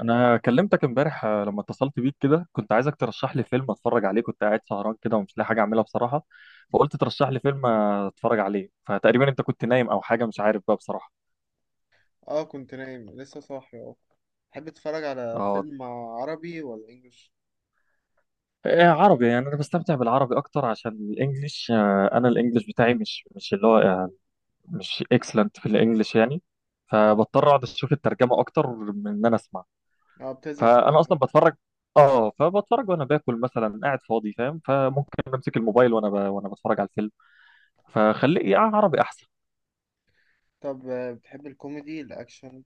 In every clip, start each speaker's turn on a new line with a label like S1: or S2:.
S1: انا كلمتك امبارح لما اتصلت بيك كده، كنت عايزك ترشح لي فيلم اتفرج عليه. كنت قاعد سهران كده ومش لاقي حاجه اعملها بصراحه، فقلت ترشح لي فيلم اتفرج عليه. فتقريبا انت كنت نايم او حاجه، مش عارف بقى بصراحه.
S2: اه كنت نايم لسه صاحي اه. تحب تتفرج على
S1: اه.
S2: فيلم عربي ولا انجلش؟
S1: إيه، عربي. يعني انا بستمتع بالعربي اكتر، عشان الانجليش انا الانجليش بتاعي مش اللي هو مش اكسلنت في الانجليش يعني. فبضطر اقعد اشوف الترجمه اكتر من ان انا اسمع.
S2: اه، بتزهق من
S1: فانا
S2: الحوار ده؟
S1: اصلا بتفرج. اه، فبتفرج وانا باكل مثلا، قاعد فاضي فاهم، فممكن امسك الموبايل وانا وانا بتفرج على الفيلم. فخليه يا عربي احسن.
S2: طب بتحب الكوميدي، الاكشن،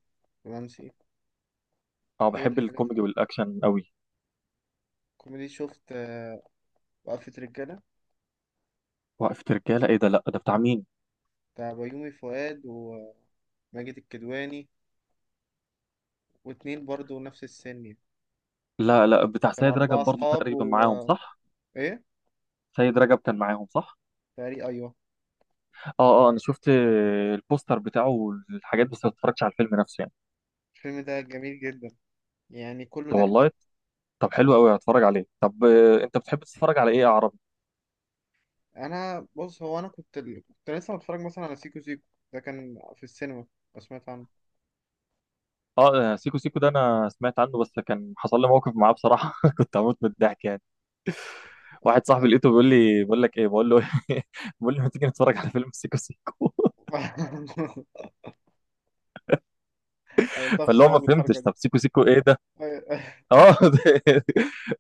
S2: الرومانسي؟
S1: اه،
S2: ايه
S1: بحب
S2: الحاجات
S1: الكوميدي والاكشن قوي.
S2: الكوميدي شفت؟ وقفة رجالة
S1: وقفة رجالة؟ ايه ده، لا ده بتاع مين؟
S2: بتاع بيومي فؤاد وماجد الكدواني، واتنين برضو نفس السن يعني.
S1: لا لا، بتاع
S2: كانوا
S1: سيد رجب
S2: أربعة
S1: برضو
S2: أصحاب
S1: تقريبا
S2: و
S1: معاهم
S2: آه،
S1: صح.
S2: إيه؟
S1: سيد رجب كان معاهم صح.
S2: تقريبا أيوه.
S1: اه اه، انا شفت البوستر بتاعه والحاجات، بس ما اتفرجتش على الفيلم نفسه يعني.
S2: الفيلم ده جميل جدا، يعني كله
S1: طب
S2: ضحك.
S1: والله. طب حلو قوي، هتفرج عليه. طب انت بتحب تتفرج على ايه يا عربي؟
S2: أنا بص، هو أنا كنت لسه متفرج مثلا على سيكو سيكو، ده كان في السينما، لو سمعت
S1: اه. سيكو سيكو ده انا سمعت عنه، بس كان حصل لي موقف معاه بصراحة. كنت هموت من الضحك يعني. واحد
S2: عنه.
S1: صاحبي لقيته بيقول لي، بقول لك ايه، بقول له بقول له ما تيجي نتفرج على فيلم سيكو سيكو.
S2: عملتها في
S1: فاللي هو ما
S2: صحابي الحركة
S1: فهمتش، طب
S2: دي.
S1: سيكو سيكو ايه ده؟
S2: آه،
S1: اه. ده-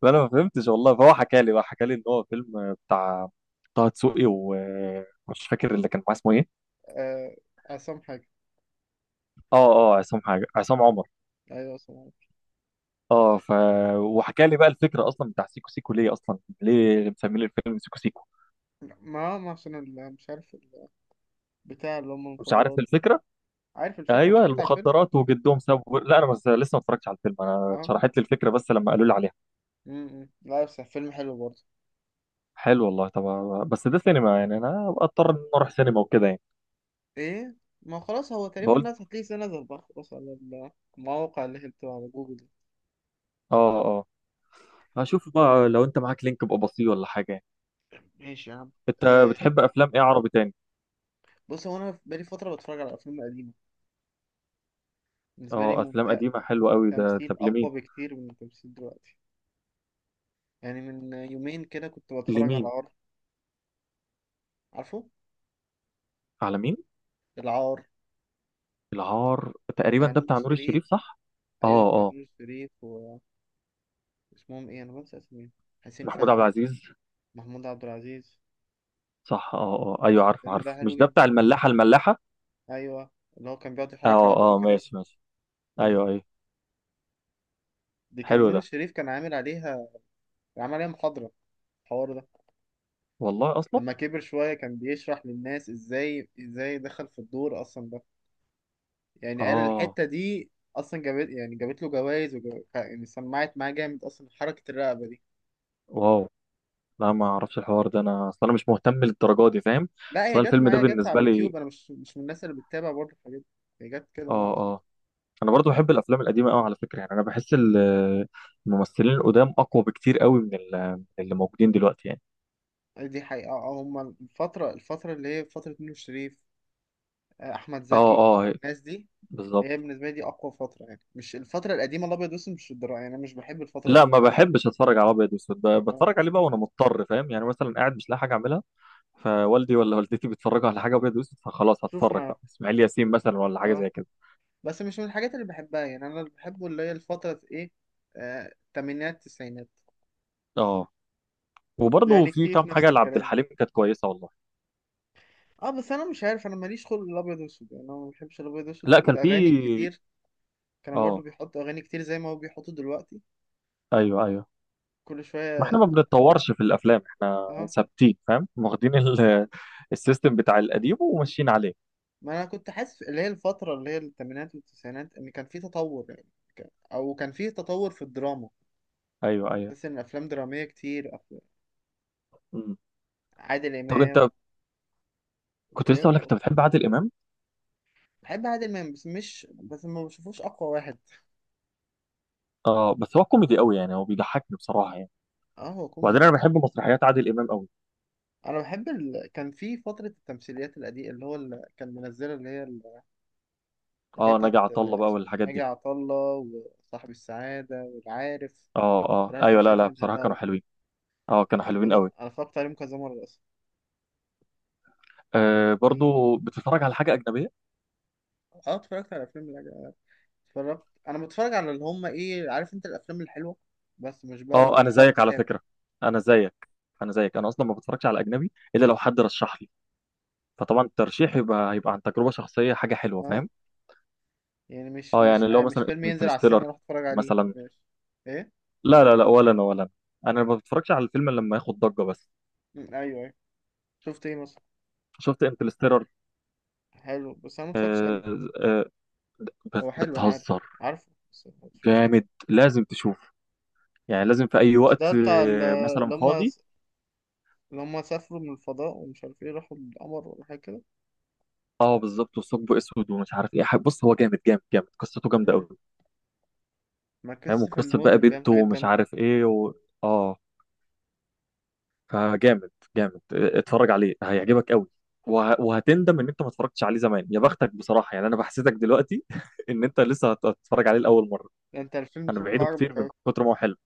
S1: فانا ما فهمتش والله. فهو حكى لي بقى، حكى لي ان هو فيلم بتاع طه دسوقي، ومش فاكر اللي كان معاه اسمه ايه؟
S2: آه، عصام حاجة.
S1: اه اه، عصام حاجه، عصام عمر.
S2: أيوة عصام حاجة.
S1: اه وحكى لي بقى الفكره اصلا بتاع سيكو سيكو ليه اصلا؟ ليه مسمين الفيلم سيكو سيكو؟
S2: ما عشان مش عارف بتاع اللي هم
S1: مش عارف
S2: المخدرات.
S1: الفكره.
S2: عارف الفكرة،
S1: ايوه
S2: اتفرجت على الفيلم.
S1: المخدرات، وجدهم سابوا، لا انا بس لسه ما اتفرجتش على الفيلم. انا
S2: اه.
S1: اتشرحت لي الفكره بس لما قالوا لي عليها.
S2: م- م. لا بس فيلم حلو برضه.
S1: حلو والله. طب بس ده سينما، يعني انا أبقى اضطر ان أنا اروح سينما وكده يعني.
S2: ايه، ما هو خلاص هو تقريبا
S1: بقول،
S2: الناس هتلاقيه سنة نزل بقى خلاص على المواقع اللي هي بتبقى على جوجل دي.
S1: اه اه، هشوف بقى لو انت معاك لينك ابقى بصيه ولا حاجه يعني.
S2: ماشي يا عم.
S1: انت
S2: آه،
S1: بتحب افلام ايه عربي تاني؟
S2: بص هو انا بقالي فترة بتفرج على افلام قديمة، بالنسبة لي
S1: اه، افلام
S2: ممتع،
S1: قديمه حلوه قوي ده. طب
S2: تمثيل
S1: لمين؟
S2: اقوى بكتير من التمثيل دلوقتي. يعني من يومين كده كنت بتفرج على
S1: لمين
S2: عار، عارفه
S1: على مين؟
S2: العار؟
S1: العار تقريبا
S2: بتاع
S1: ده
S2: نور
S1: بتاع نور
S2: الشريف.
S1: الشريف صح.
S2: ايوه
S1: اه
S2: بتاع
S1: اه،
S2: نور الشريف، واسمهم ايه، انا بنسى اسمهم، حسين
S1: محمود عبد
S2: فهمي،
S1: العزيز
S2: محمود عبد العزيز.
S1: صح. اه اه، ايوه، عارف
S2: الفيلم ده
S1: عارف
S2: حلو
S1: مش ده
S2: جدا.
S1: بتاع الملاحه الملاحه.
S2: ايوه، اللي هو كان بيقعد يحرك
S1: اه
S2: رقبته
S1: اه،
S2: كده،
S1: ماشي ماشي. ايوه ايوه.
S2: دي كان
S1: حلو
S2: نور
S1: ده.
S2: الشريف كان عامل عليها، عمل عليها محاضرة الحوار ده.
S1: والله اصلا.
S2: لما كبر شوية كان بيشرح للناس ازاي دخل في الدور اصلا ده. يعني قال
S1: اه،
S2: الحتة دي اصلا جابت، يعني جابت له جوائز يعني سمعت معاه جامد اصلا، حركة الرقبة دي.
S1: واو. لا ما اعرفش الحوار ده، انا اصلا انا مش مهتم للدرجه دي فاهم.
S2: لا هي
S1: اصلا
S2: جت
S1: الفيلم ده
S2: معايا، جت على
S1: بالنسبه لي.
S2: اليوتيوب. انا مش من الناس اللي بتتابع برضه الحاجات دي. هي جت كده بقى،
S1: اه
S2: بص.
S1: انا برضو بحب الافلام القديمه قوي على فكره، يعني انا بحس الممثلين القدام اقوى بكتير قوي من من اللي موجودين دلوقتي يعني.
S2: دي حقيقة. هما الفترة اللي هي فترة نور الشريف، أحمد
S1: اه
S2: زكي،
S1: اه،
S2: الناس دي.
S1: بالظبط.
S2: هي بالنسبة لي دي أقوى فترة، يعني مش الفترة القديمة الأبيض والأسود، مش الدراما، يعني أنا مش بحب الفترة دي.
S1: لا ما بحبش اتفرج على ابيض واسود،
S2: آه.
S1: بتفرج عليه بقى وانا مضطر فاهم، يعني مثلا قاعد مش لاقي حاجه اعملها، فوالدي ولا والدتي بيتفرجوا على حاجه ابيض واسود، فخلاص
S2: شوف
S1: هتفرج
S2: معاه.
S1: بقى اسماعيل ياسين مثلا ولا حاجه
S2: اه،
S1: زي كده.
S2: بس مش من الحاجات اللي بحبها. يعني أنا اللي بحبه اللي هي الفترة إيه، التمانينات، التسعينات.
S1: اه، وبرضو
S2: يعني
S1: في
S2: الكيف
S1: كام
S2: نفس
S1: حاجه لعبد
S2: الكلام.
S1: الحليم كانت كويسه والله.
S2: اه بس انا مش عارف، انا ماليش خلق الابيض واسود، يعني انا ما بحبش الابيض واسود
S1: لا كان
S2: والاغاني
S1: في.
S2: الكتير. كانوا برضو
S1: اه
S2: بيحطوا اغاني كتير زي ما هو بيحطوا دلوقتي،
S1: ايوه ايوه.
S2: كل
S1: ما
S2: شويه.
S1: احنا ما بنتطورش في الافلام احنا،
S2: اه،
S1: ثابتين فاهم، واخدين السيستم بتاع القديم وماشيين عليه.
S2: ما انا كنت حاسس اللي هي الفتره اللي هي الثمانينات والتسعينات ان كان في تطور. يعني او كان في تطور في الدراما.
S1: ايوه ايوه.
S2: بحس ان افلام دراميه كتير
S1: مم.
S2: عادل
S1: طب
S2: امام.
S1: انت، كنت لسه اقول لك
S2: إيه؟
S1: انت بتحب عادل امام.
S2: بحب عادل امام بس ما بشوفوش اقوى واحد.
S1: اه بس هو كوميدي قوي، يعني هو بيضحكني بصراحه يعني.
S2: اه هو كوميدي
S1: وبعدين انا
S2: طبعا.
S1: بحب مسرحيات عادل امام قوي.
S2: انا بحب كان في فتره التمثيليات القديمه، اللي هو اللي كان منزله اللي هي
S1: اه،
S2: بتاعت،
S1: ناجي عطا الله بقى
S2: اسمه
S1: والحاجات
S2: ناجي
S1: دي.
S2: عطا الله وصاحب السعاده والعارف.
S1: اه اه
S2: صراحة
S1: ايوه،
S2: التمثيليات
S1: لا
S2: دي
S1: لا،
S2: انا
S1: بصراحه
S2: بحبها أوي.
S1: كانوا حلوين. اه كانوا
S2: دول
S1: حلوين قوي.
S2: انا اتفرجت عليهم كذا مره اصلا.
S1: آه
S2: باين.
S1: برضو بتتفرج على حاجه اجنبيه؟
S2: اه اتفرجت على افلام الأجنبي. اتفرجت، انا بتفرج على اللي هم ايه، عارف انت، الافلام الحلوه. بس مش برضه
S1: اه
S2: مش
S1: انا
S2: برضه
S1: زيك على
S2: بتابع.
S1: فكره، انا زيك، انا اصلا ما بتفرجش على اجنبي الا لو حد رشح لي. فطبعا الترشيح يبقى هيبقى عن تجربه شخصيه حاجه حلوه
S2: اه،
S1: فاهم.
S2: يعني مش
S1: اه
S2: مش
S1: يعني، اللي هو
S2: آه مش
S1: مثلا
S2: فيلم ينزل على السينما
S1: انترستيلر
S2: اروح اتفرج عليه،
S1: مثلا.
S2: ماشي. ايه.
S1: لا لا لا، ولا انا ولا انا، انا ما بتفرجش على الفيلم إلا لما ياخد ضجه بس.
S2: مم، ايوه ايوه. شفت ايه مثلا؟
S1: شفت انترستيلر.
S2: حلو بس انا ما اتفرجتش عليه، هو حلو انا عارف.
S1: بتهزر.
S2: عارفه بس ما اتفرجتش عليه.
S1: جامد، لازم تشوف. يعني لازم في اي
S2: مش ده
S1: وقت
S2: بتاع
S1: مثلا
S2: اللي هم،
S1: فاضي.
S2: اللي هم سافروا من الفضاء ومش عارف ايه، راحوا القمر ولا حاجه كده.
S1: اه بالظبط، وثقب اسود ومش عارف ايه. بص هو جامد جامد جامد، قصته جامده
S2: مم.
S1: قوي.
S2: ما
S1: فاهم،
S2: كريستوفر
S1: وقصه بقى
S2: نولان بيعمل
S1: بنته
S2: حاجات
S1: ومش
S2: جامده.
S1: عارف ايه اه فجامد. جامد، اتفرج عليه هيعجبك قوي. وهتندم ان انت ما اتفرجتش عليه زمان. يا بختك بصراحه، يعني انا بحسدك دلوقتي ان انت لسه هتتفرج عليه لاول مره.
S2: ده انت الفيلم
S1: انا
S2: شكله
S1: بعيده كتير من
S2: عجبك.
S1: كتر ما هو حلو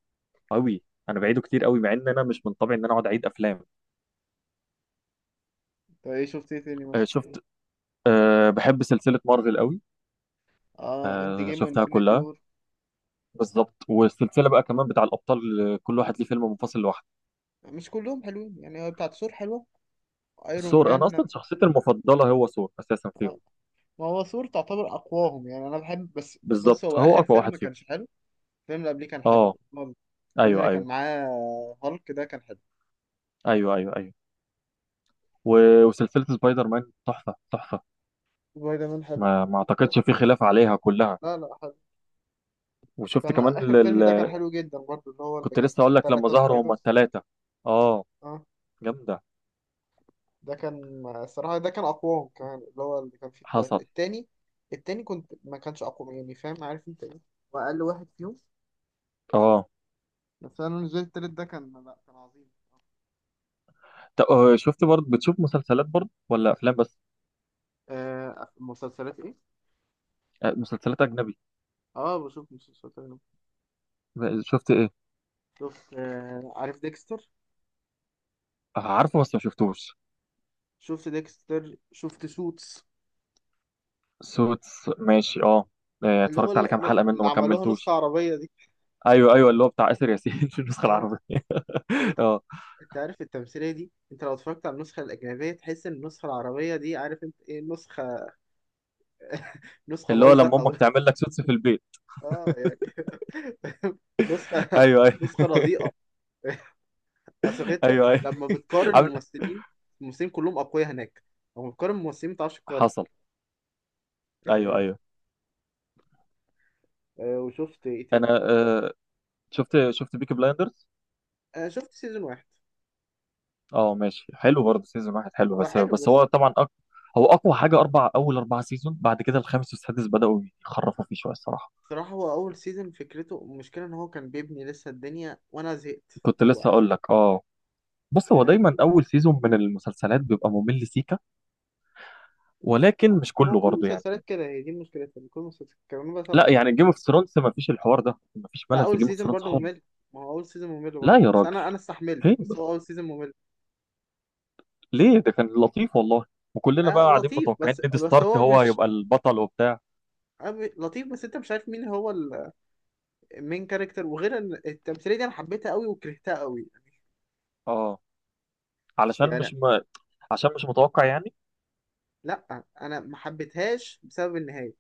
S1: قوي. انا بعيده كتير قوي مع ان انا مش من طبعي ان انا اقعد اعيد افلام.
S2: طب ايه، شفت ايه تاني مثلا؟
S1: شفت. أه بحب سلسله مارفل قوي.
S2: اه اند
S1: أه
S2: جيم
S1: شفتها
S2: وانفينيتي
S1: كلها.
S2: وور.
S1: بالظبط، والسلسله بقى كمان بتاع الابطال كل واحد ليه فيلم منفصل لوحده.
S2: مش كلهم حلوين، يعني هو بتاعت ثور حلوه، ايرون
S1: ثور انا
S2: مان.
S1: اصلا شخصيتي المفضله هو ثور اساسا
S2: آه.
S1: فيهم.
S2: ما هو ثور تعتبر اقواهم، يعني انا بحب. بس بص
S1: بالظبط،
S2: هو
S1: هو
S2: اخر
S1: اقوى
S2: فيلم
S1: واحد
S2: ما
S1: فيهم.
S2: كانش حلو، الفيلم اللي قبليه كان حلو،
S1: اه
S2: الفيلم
S1: ايوه
S2: اللي كان
S1: ايوه
S2: معاه هالك ده كان حلو.
S1: ايوه ايوه ايوه. وسلسلة سبايدر مان تحفة تحفة.
S2: سبايدر مان حلو.
S1: ما
S2: بس-
S1: اعتقدش في خلاف عليها كلها.
S2: لا لا حلو.
S1: وشفت
S2: كان
S1: كمان
S2: اخر فيلم ده كان حلو جدا برضه، اللي هو اللي
S1: كنت
S2: كان
S1: لسه
S2: فيه
S1: اقول لك لما
S2: التلاتة
S1: ظهروا هما
S2: سبايدرز.
S1: الثلاثة. اه
S2: اه،
S1: جامدة.
S2: ده كان الصراحة ده كان أقواهم كمان، اللي هو اللي كان فيه التالت.
S1: حصل.
S2: التاني، التاني كنت ما كانش أقوى، يعني فاهم عارف أنت إيه، وأقل واحد فيهم.
S1: اه
S2: بس أنا بالنسبة لي التالت ده كان لأ، كان عظيم.
S1: شفت برضه بتشوف مسلسلات برضه ولا افلام بس؟
S2: آه مسلسلات إيه؟
S1: مسلسلات اجنبي.
S2: آه بشوف مسلسلات أجنبي.
S1: شفت ايه؟
S2: شفت آه، عارف ديكستر؟
S1: عارفه بس ما شفتوش.
S2: شفت ديكستر، شفت سوتس،
S1: سوتس ماشي اه.
S2: اللي هو
S1: اتفرجت على كام
S2: ال-
S1: حلقة منه
S2: اللي
S1: ما
S2: عملوها نسخة
S1: كملتوش.
S2: عربية دي.
S1: ايوه ايوه، اللي هو بتاع آسر ياسين في النسخة
S2: آه.
S1: العربية
S2: دول
S1: اه،
S2: أنت عارف التمثيلية دي، أنت لو اتفرجت على النسخة الأجنبية تحس إن النسخة العربية دي عارف أنت إيه، نسخة نسخة
S1: اللي هو
S2: بايظة.
S1: لما
S2: أو
S1: امك تعمل لك سوتس في البيت.
S2: اه يعني نسخة
S1: ايوه ايوه
S2: نسخة رديئة. اصل انت
S1: ايوه ايوه
S2: لما بتقارن ممثلين، الممثلين كلهم اقوياء هناك، لما بتقارن ممثلين ما بتعرفش تقارن
S1: حصل. ايوه
S2: يعني.
S1: ايوه.
S2: وشفت ايه
S1: انا
S2: تاني؟
S1: شفت بيكي بلايندرز.
S2: شفت سيزون واحد،
S1: اه ماشي، حلو برضه سيزون واحد حلو،
S2: هو
S1: بس
S2: حلو
S1: بس هو
S2: بس.
S1: طبعا هو اقوى حاجه اول اربع سيزون، بعد كده الخامس والسادس بداوا يخرفوا فيه شويه الصراحه.
S2: صراحة هو أول سيزون فكرته المشكلة إن هو كان بيبني لسه الدنيا وأنا زهقت
S1: كنت
S2: راح
S1: لسه
S2: وقفت.
S1: اقول لك اه. بص هو
S2: فاهم.
S1: دايما اول سيزون من المسلسلات بيبقى ممل سيكا. ولكن
S2: هو
S1: مش
S2: هو
S1: كله
S2: كل
S1: برضه يعني.
S2: المسلسلات كده، هي دي مشكلتها، إن كل المسلسلات كانوا بزهق
S1: لا
S2: بسرعة.
S1: يعني جيم اوف ثرونز، ما فيش الحوار ده، ما فيش
S2: لا
S1: ملل في
S2: أول
S1: جيم اوف
S2: سيزون
S1: ثرونز
S2: برضه
S1: خالص.
S2: ممل. ما هو أول سيزون ممل
S1: لا
S2: برضه،
S1: يا
S2: بس
S1: راجل،
S2: أنا استحملت،
S1: فين
S2: بس هو
S1: بس؟
S2: أول سيزون ممل.
S1: ليه، ده كان لطيف والله، وكلنا بقى
S2: آه
S1: قاعدين
S2: لطيف،
S1: متوقعين
S2: بس
S1: نيد
S2: بس
S1: ستارك
S2: هو
S1: هو
S2: مش
S1: هيبقى البطل وبتاع.
S2: لطيف، بس انت مش عارف مين هو المين كاركتر، وغير ان التمثيليه دي انا حبيتها قوي وكرهتها قوي
S1: اه علشان
S2: يعني.
S1: مش م... عشان مش متوقع يعني.
S2: لا انا ما حبيتهاش بسبب النهايه.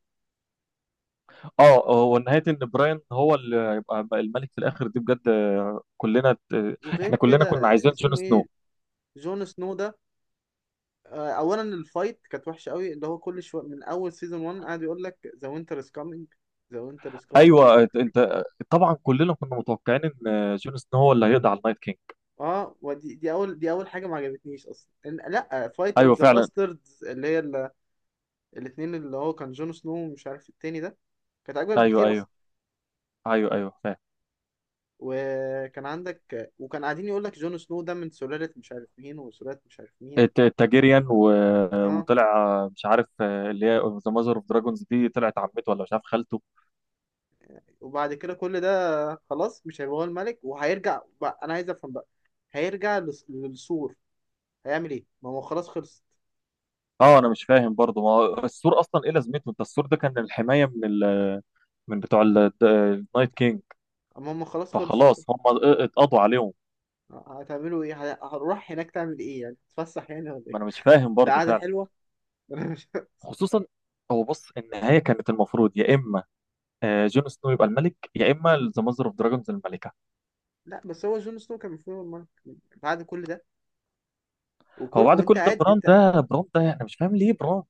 S1: اه هو نهاية ان براين هو اللي يبقى الملك في الاخر دي بجد.
S2: وغير
S1: احنا كلنا
S2: كده
S1: كنا عايزين جون
S2: اسمه ايه،
S1: سنو.
S2: جون سنو ده. اولا الفايت كانت وحشه قوي، اللي هو كل شويه من اول سيزون 1 قاعد يقول لك ذا وينتر از كامينج، ذا وينتر از كامينج.
S1: ايوه آه، انت آه، طبعا كلنا كنا متوقعين ان جون سنو هو اللي هيقضي على النايت كينج.
S2: اه، ودي دي اول دي اول حاجه ما عجبتنيش اصلا، لا فايت
S1: ايوه
S2: اوف ذا
S1: فعلا.
S2: باستردز، الاتنين، اللي هو كان جون سنو ومش عارف التاني ده، كانت اكبر
S1: ايوه
S2: بكتير اصلا.
S1: ايوه ايوه ايوه فعلا.
S2: وكان عندك، وكان قاعدين يقول لك جون سنو ده من سلالة مش عارف مين وسلالة مش عارف مين.
S1: التاجيريان
S2: اه،
S1: وطلع مش عارف اللي هي ذا ماذر اوف دراجونز دي طلعت عمته ولا مش عارف خالته.
S2: وبعد كده كل ده خلاص مش هيبقى هو الملك، وهيرجع بقى، انا عايز افهم بقى، هيرجع للسور، هيعمل ايه، ما هو خلاص خلصت،
S1: اه انا مش فاهم برضه، ما هو السور اصلا ايه لازمته؟ انت السور ده كان الحمايه من من بتوع النايت كينج،
S2: اما هم خلاص خلصوا،
S1: فخلاص هم اتقضوا عليهم.
S2: هتعملوا ايه، هنروح هناك تعمل ايه، يعني تتفسح يعني ولا
S1: ما
S2: ايه؟
S1: انا مش فاهم برضه
S2: القعدة
S1: فعلا.
S2: حلوة. انا مش.
S1: خصوصا. هو بص، النهايه كانت المفروض يا اما جون سنو يبقى الملك، يا اما ذا ماذر اوف دراجونز الملكه.
S2: لا بس هو جون سنو كان المفروض هو الملك بعد كل ده، وكل
S1: هو بعد
S2: وانت
S1: كل ده
S2: قاعد
S1: بران
S2: انت،
S1: ده، انا مش فاهم ليه بران.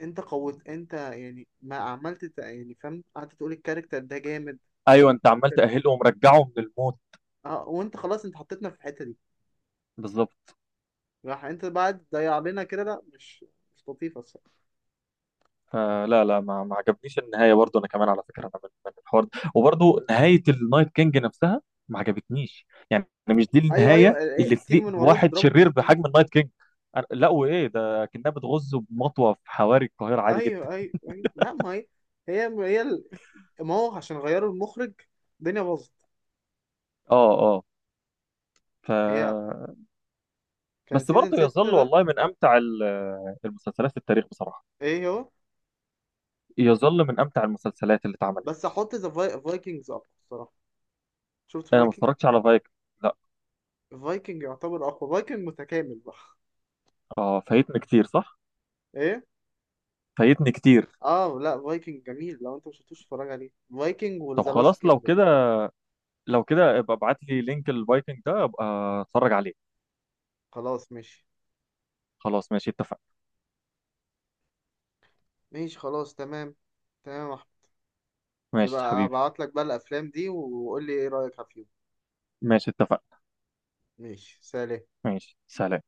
S2: انت قوت انت يعني ما عملت يعني، فاهم، قعدت تقول الكاركتر ده جامد
S1: ايوه، انت عمال
S2: والكاركتر.
S1: تاهله ومرجعه من الموت.
S2: اه، وانت خلاص انت حطيتنا في الحته دي،
S1: بالظبط.
S2: راح انت بعد ضيع لنا كده، لا مش، مش لطيفه الصراحه.
S1: لا لا، ما عجبنيش النهايه برضو. انا كمان على فكره، انا من الحوار ده، وبرضو نهايه النايت كينج نفسها ما عجبتنيش، يعني مش دي
S2: ايوه
S1: النهايه
S2: ايه،
S1: اللي
S2: تيجي
S1: تليق
S2: من وراه
S1: بواحد
S2: تضربه
S1: شرير
S2: بالسكينه.
S1: بحجم النايت كينج. لا وايه ده، كانها بتغز بمطوه في حواري القاهره عادي جدا.
S2: ايوه لا ما هي هي ال- ما هو عشان غيروا المخرج الدنيا باظت.
S1: اه اه ف
S2: هي كان
S1: بس برضه
S2: سيزون 6
S1: يظل
S2: ده.
S1: والله من امتع المسلسلات في التاريخ بصراحه.
S2: ايه هو.
S1: يظل من امتع المسلسلات اللي اتعملت.
S2: بس احط ذا فايكنجز اقوى الصراحه. شفت
S1: انا ما
S2: فايكنج؟
S1: اتفرجتش على فايك. لا.
S2: فايكنج يعتبر اقوى، فايكنج متكامل بقى.
S1: اه، فايتني كتير صح.
S2: ايه.
S1: فايتني كتير.
S2: اه لا فايكنج جميل، لو انت مش شفتوش اتفرج عليه، فايكنج
S1: طب
S2: وذا لاست
S1: خلاص، لو
S2: كينج.
S1: كده، ابقى ابعت لي لينك الفايكنج ده، ابقى اتفرج عليه.
S2: خلاص ماشي.
S1: خلاص ماشي اتفق.
S2: ماشي خلاص، تمام. تمام يا احمد، يبقى
S1: ماشي حبيبي.
S2: ابعت لك بقى الافلام دي وقول لي ايه رايك فيهم.
S1: ماشي اتفق.
S2: ماشي سلام.
S1: ماشي سلام.